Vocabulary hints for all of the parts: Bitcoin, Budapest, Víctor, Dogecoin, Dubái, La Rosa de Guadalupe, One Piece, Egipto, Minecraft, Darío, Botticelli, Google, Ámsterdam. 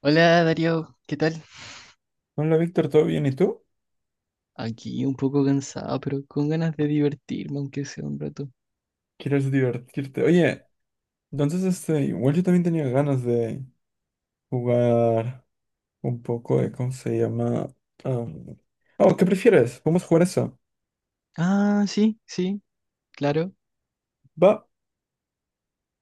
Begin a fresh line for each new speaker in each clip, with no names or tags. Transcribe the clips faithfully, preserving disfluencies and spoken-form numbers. Hola Darío, ¿qué tal?
Hola Víctor, ¿todo bien? ¿Y tú?
Aquí un poco cansado, pero con ganas de divertirme, aunque sea un rato.
¿Quieres divertirte? Oye, entonces este, igual yo también tenía ganas de jugar un poco de, ¿cómo se llama? Am, Oh, ¿qué prefieres? Vamos a jugar eso.
Ah, sí, sí, claro.
Va,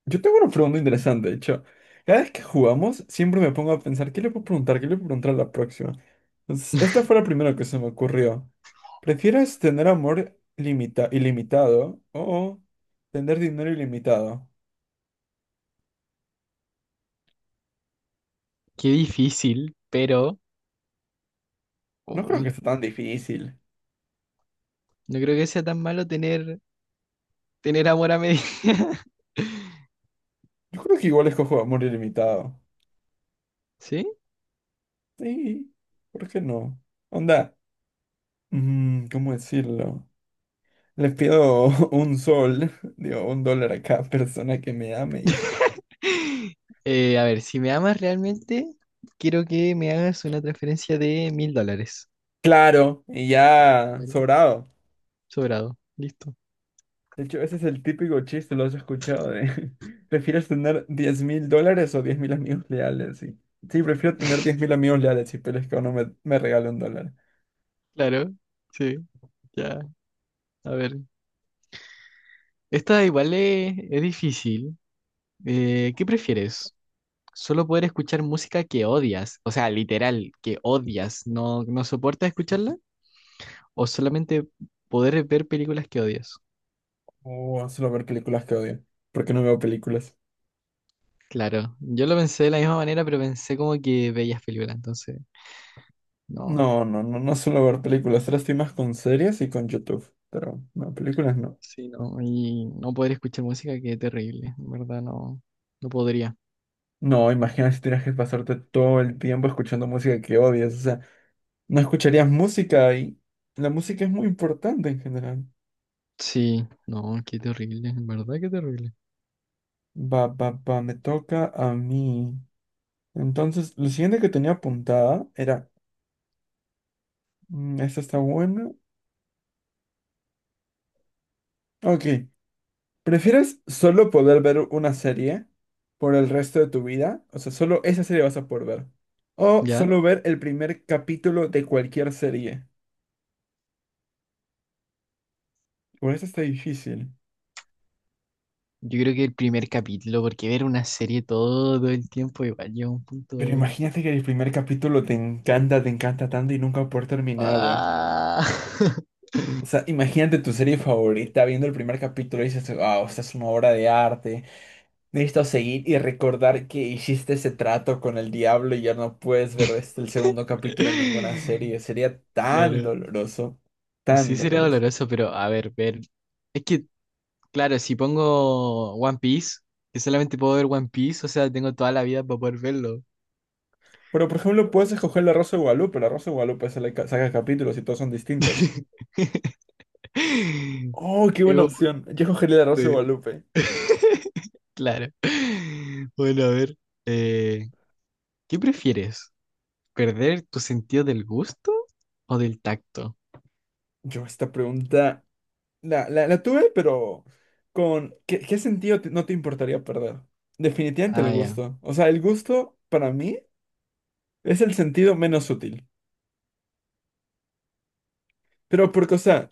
yo tengo una pregunta interesante, de hecho. Cada vez que jugamos, siempre me pongo a pensar, ¿qué le puedo preguntar? ¿Qué le puedo preguntar a la próxima? Entonces, esta fue la primera que se me ocurrió. ¿Prefieres tener amor limita- ilimitado o tener dinero ilimitado?
Qué difícil, pero
No creo que
uy,
sea tan difícil.
no creo que sea tan malo tener, tener amor a medida.
Yo creo que igual escojo amor ilimitado.
¿Sí?
Sí, ¿por qué no? Onda, mm, ¿cómo decirlo? Le pido un sol, digo, un dólar a cada persona que me ame y...
Eh, a ver, si me amas realmente, quiero que me hagas una transferencia de mil dólares.
Claro, y ya
Claro.
sobrado.
Sobrado, listo.
De hecho, ese es el típico chiste, lo has escuchado, de... ¿Prefieres tener diez mil dólares o diez mil amigos leales? Sí, sí, prefiero tener diez mil amigos leales, y pero es que uno me, me regale un dólar.
Claro, sí, ya. A ver, esta igual es, es difícil. Eh, ¿qué prefieres? ¿Solo poder escuchar música que odias? O sea, literal, que odias, ¿no, no soportas escucharla? ¿O solamente poder ver películas que odias?
O solo ver películas que odio, porque no veo películas.
Claro, yo lo pensé de la misma manera, pero pensé como que veías películas, entonces, no.
No, no, no, no suelo ver películas. Ahora estoy más con series y con YouTube. Pero no, películas no.
Sí, no. no, y no poder escuchar música, qué terrible, en verdad, no, no podría.
No, imagina si tienes que pasarte todo el tiempo escuchando música que odias. O sea, no escucharías música, y la música es muy importante en general.
Sí, no, qué terrible, en verdad, qué terrible.
Va, va, va, me toca a mí. Entonces, lo siguiente que tenía apuntada era, mm, esta está buena. Ok, ¿prefieres solo poder ver una serie por el resto de tu vida? O sea, solo esa serie vas a poder ver. O
Ya,
solo ver el primer capítulo de cualquier serie. Por eso está difícil.
yo creo que el primer capítulo, porque ver una serie todo el tiempo igual llega a un
Pero
punto.
imagínate que el primer capítulo te encanta, te encanta tanto y nunca por terminarlo.
Ah.
O sea, imagínate tu serie favorita viendo el primer capítulo y dices, wow, esta es una obra de arte. Necesito seguir y recordar que hiciste ese trato con el diablo y ya no puedes ver este el segundo capítulo en ninguna serie. Sería tan
Claro.
doloroso, tan
Sí, sería
doloroso.
doloroso, pero a ver, ver. Es que, claro, si pongo One Piece, que solamente puedo ver One Piece, o sea, tengo toda la vida para poder verlo.
Pero, por ejemplo, puedes escoger la Rosa de Guadalupe. La Rosa de Guadalupe sale ca- saca capítulos y todos son distintos. Oh, qué
Es
buena
como,
opción. Yo escogería la Rosa de
sí.
Guadalupe.
Claro. Bueno, a ver. eh, ¿qué prefieres? ¿Perder tu sentido del gusto o del tacto?
Yo esta pregunta la, la, la tuve, pero con ¿qué, qué sentido te- no te importaría perder? Definitivamente
Ah,
el
ya,
gusto. O sea, el gusto para mí es el sentido menos útil. Pero porque, o sea,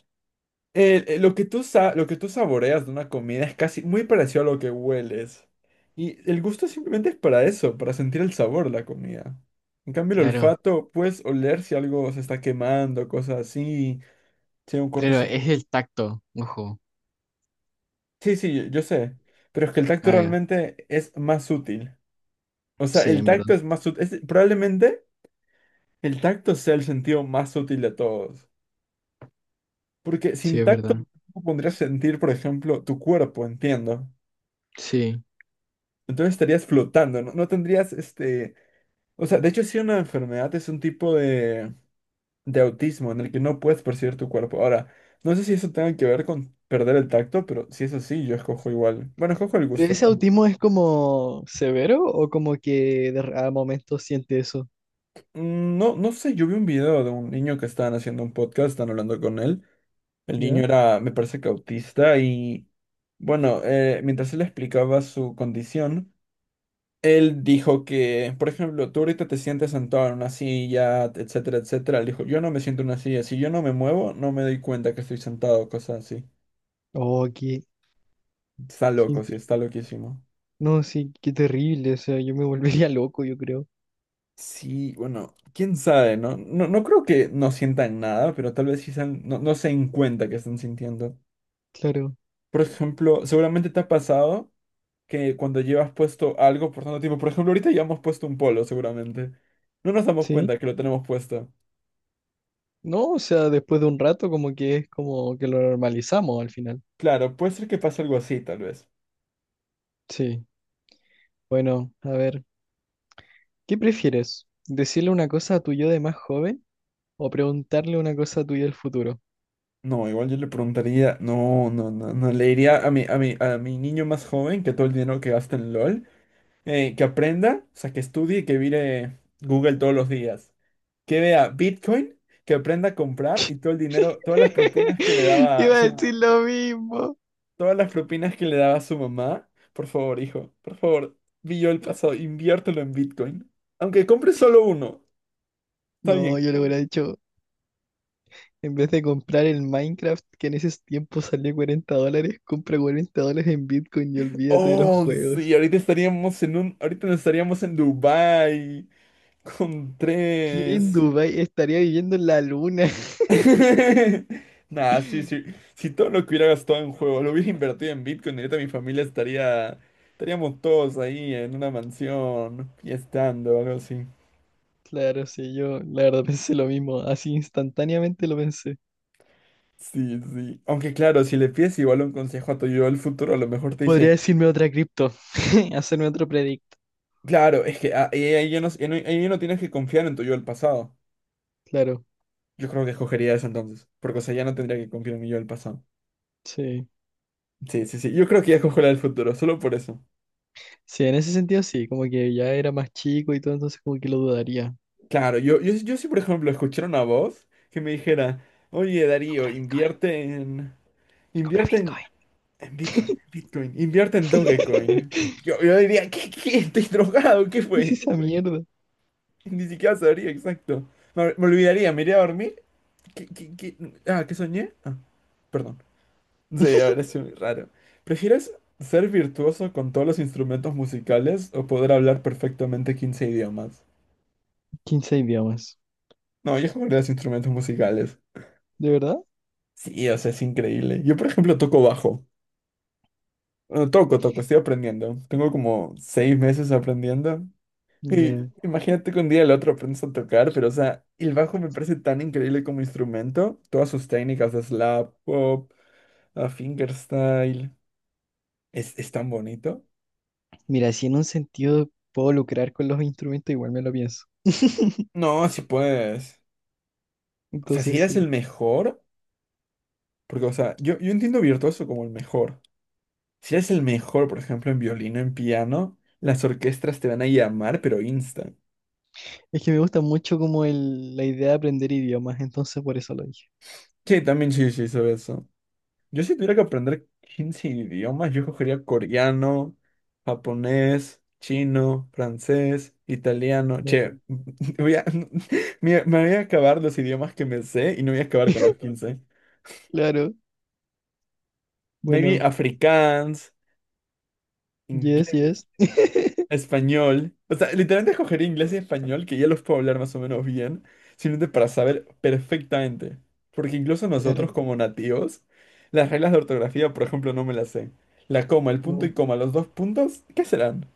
el- el- lo que tú sa- lo que tú saboreas de una comida es casi muy parecido a lo que hueles. Y el gusto simplemente es para eso, para sentir el sabor de la comida. En cambio, el
claro.
olfato, puedes oler si algo se está quemando, cosas así, si hay un
Claro,
cortocircuito.
es el tacto, ojo.
Sí, sí, yo, yo sé. Pero es que el tacto
Ah, ya.
realmente es más útil. O sea,
Sí,
el
en verdad.
tacto es más útil, probablemente el tacto sea el sentido más útil de todos. Porque
Sí,
sin
es
tacto,
verdad.
tú podrías sentir, por ejemplo, tu cuerpo, entiendo.
Sí.
Entonces estarías flotando, ¿no? No tendrías este... O sea, de hecho sí una enfermedad es un tipo de, de, autismo en el que no puedes percibir tu cuerpo. Ahora, no sé si eso tenga que ver con perder el tacto, pero si es así, yo escojo igual. Bueno, escojo el
¿Pero
gusto,
ese
¿no?
autismo es como severo o como que de, r- a momentos siente eso?
Mm, no, no sé, yo vi un video de un niño que estaban haciendo un podcast, estaban hablando con él. El niño
¿Ya?
era, me parece que autista y... Bueno, eh, mientras él explicaba su condición, él dijo que, por ejemplo, tú ahorita te sientes sentado en una silla, etcétera, etcétera. Él dijo, yo no me siento en una silla. Si yo no me muevo, no me doy cuenta que estoy sentado, cosas así.
Oh, qué,
Está
qué
loco, sí,
impre-
está loquísimo.
no, sí, qué terrible. O sea, yo me volvería loco, yo creo.
Sí, bueno, quién sabe, ¿no? No, no creo que no sientan nada, pero tal vez sí se han- no, no se den cuenta que están sintiendo.
Claro.
Por ejemplo, seguramente te ha pasado que cuando llevas puesto algo por tanto tiempo, por ejemplo, ahorita llevamos puesto un polo, seguramente. No nos damos
Sí.
cuenta que lo tenemos puesto.
No, o sea, después de un rato como que es como que lo normalizamos al final.
Claro, puede ser que pase algo así, tal vez.
Sí. Bueno, a ver, ¿qué prefieres? ¿Decirle una cosa a tu yo de más joven o preguntarle una cosa a tu yo del futuro?
No, igual yo le preguntaría, no, no, no, no, le diría a mi, a mi, a mi niño más joven que todo el dinero que gasta en LOL, eh, que aprenda, o sea, que estudie y que vire Google todos los días, que vea Bitcoin, que aprenda a comprar, y todo el dinero, todas las propinas que le daba
Iba a
su,
decir lo mismo.
todas las propinas que le daba su mamá, por favor, hijo, por favor, vi yo el pasado, inviértelo en Bitcoin, aunque compre solo uno, está
No,
bien.
yo lo hubiera hecho. En vez de comprar el Minecraft, que en esos tiempos salió cuarenta dólares, compra cuarenta dólares en Bitcoin y olvídate de los
Oh, sí,
juegos.
ahorita estaríamos en un, ahorita no estaríamos en Dubái. Con
¿Quién en
tres.
Dubái estaría viviendo en la luna?
Nah, sí, sí. Si todo lo que hubiera gastado en juego lo hubiera invertido en Bitcoin, ahorita mi familia estaría. Estaríamos todos ahí en una mansión, fiestando o algo así.
Claro, sí, yo la verdad pensé lo mismo. Así instantáneamente lo pensé.
Sí, sí. Aunque claro, si le pides igual un consejo a tu yo del futuro, a lo mejor te
Podría
dice,
decirme otra cripto, hacerme otro predict.
claro, es que ah, eh, ahí ya no, eh, no- ahí ya no tienes que confiar en tu yo del pasado.
Claro,
Yo creo que escogería eso entonces, porque o sea, ya no tendría que confiar en mi yo del pasado.
sí.
Sí, sí, sí. Yo creo que ya escojo la del futuro, solo por eso.
Sí, en ese sentido sí, como que ya era más chico y todo, entonces como que lo dudaría.
Claro, yo, yo, yo sí, por ejemplo, escuchara una voz que me dijera, oye, Darío,
Compra Bitcoin,
invierte en,
compra
invierte en,
Bitcoin.
en Bitcoin, Bitcoin, invierte en Dogecoin. Yo, yo diría, ¿qué, qué? ¿Estoy drogado? ¿Qué
¿Qué es
fue?
esa mierda?
Ni siquiera sabría exacto. Me, me olvidaría, me iría a dormir. ¿Qué, qué, qué? Ah, ¿qué soñé? Ah, perdón. Sí, ahora sí, muy raro. ¿Prefieres ser virtuoso con todos los instrumentos musicales o poder hablar perfectamente quince idiomas?
Quince idiomas.
No, yo jugaría los instrumentos musicales.
¿De verdad?
Sí, o sea, es increíble. Yo, por ejemplo, toco bajo. Bueno, toco, toco, estoy aprendiendo. Tengo como seis meses aprendiendo. Y
Ya.
imagínate que un día el otro aprendes a tocar, pero, o sea, el bajo me parece tan increíble como instrumento. Todas sus técnicas de slap, pop, a fingerstyle. Es, es tan bonito.
Mira, si en un sentido puedo lucrar con los instrumentos, igual me lo pienso.
No, si puedes. O sea, si
Entonces
eres el
sí.
mejor, porque, o sea, yo, yo entiendo virtuoso como el mejor. Si eres el mejor, por ejemplo, en violino, en piano, las orquestas te van a llamar, pero insta.
Es que me gusta mucho como el, la idea de aprender idiomas, entonces por eso lo dije.
Sí, también sí, sí, sobre eso. Yo, si tuviera que aprender quince idiomas, yo cogería coreano, japonés, chino, francés, italiano.
Claro.
Che, voy a... me, me voy a acabar los idiomas que me sé y no voy a acabar con los quince.
Claro.
Maybe
Bueno,
afrikaans,
yes, yes.
inglés. Español. O sea, literalmente escogería inglés y español, que ya los puedo hablar más o menos bien, simplemente para saber perfectamente. Porque incluso nosotros
Claro.
como nativos, las reglas de ortografía, por ejemplo, no me las sé. La coma, el punto y
No.
coma, los dos puntos, ¿qué serán?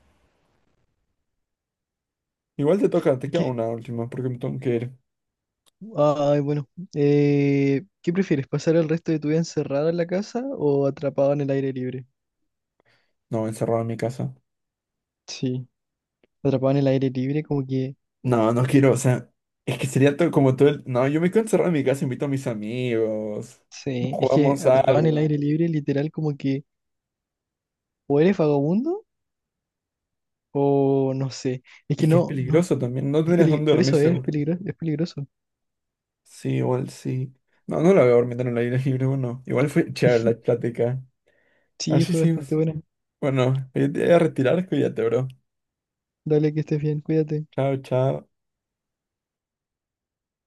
Igual te toca, te
Es
queda
que,
una última, porque me tengo que ir.
ay, bueno. Eh, ¿qué prefieres? ¿Pasar el resto de tu vida encerrado en la casa o atrapado en el aire libre?
No, encerrado en mi casa.
Sí. Atrapado en el aire libre, como que.
No, no quiero, o sea, es que sería todo como todo el... No, yo me quedo encerrado en mi casa, invito a mis amigos,
Sí, es que
jugamos
atrapado en el
algo.
aire libre, literal, como que o eres vagabundo o no sé. Es que
Es que es
no, no,
peligroso también, no
es
tienes
peli- muy
dónde
por
dormir
eso es peligroso,
seguro.
peligroso, es peligroso.
Sí, igual sí. No, no la voy a dormir en el aire libre, bueno. Igual fue chévere la plática. A ver
Sí,
si
fue bastante. Aquí
seguimos.
sí, buena.
Bueno, yo te voy a retirar, cuídate, bro.
Dale, que estés bien, cuídate.
Chao, chao.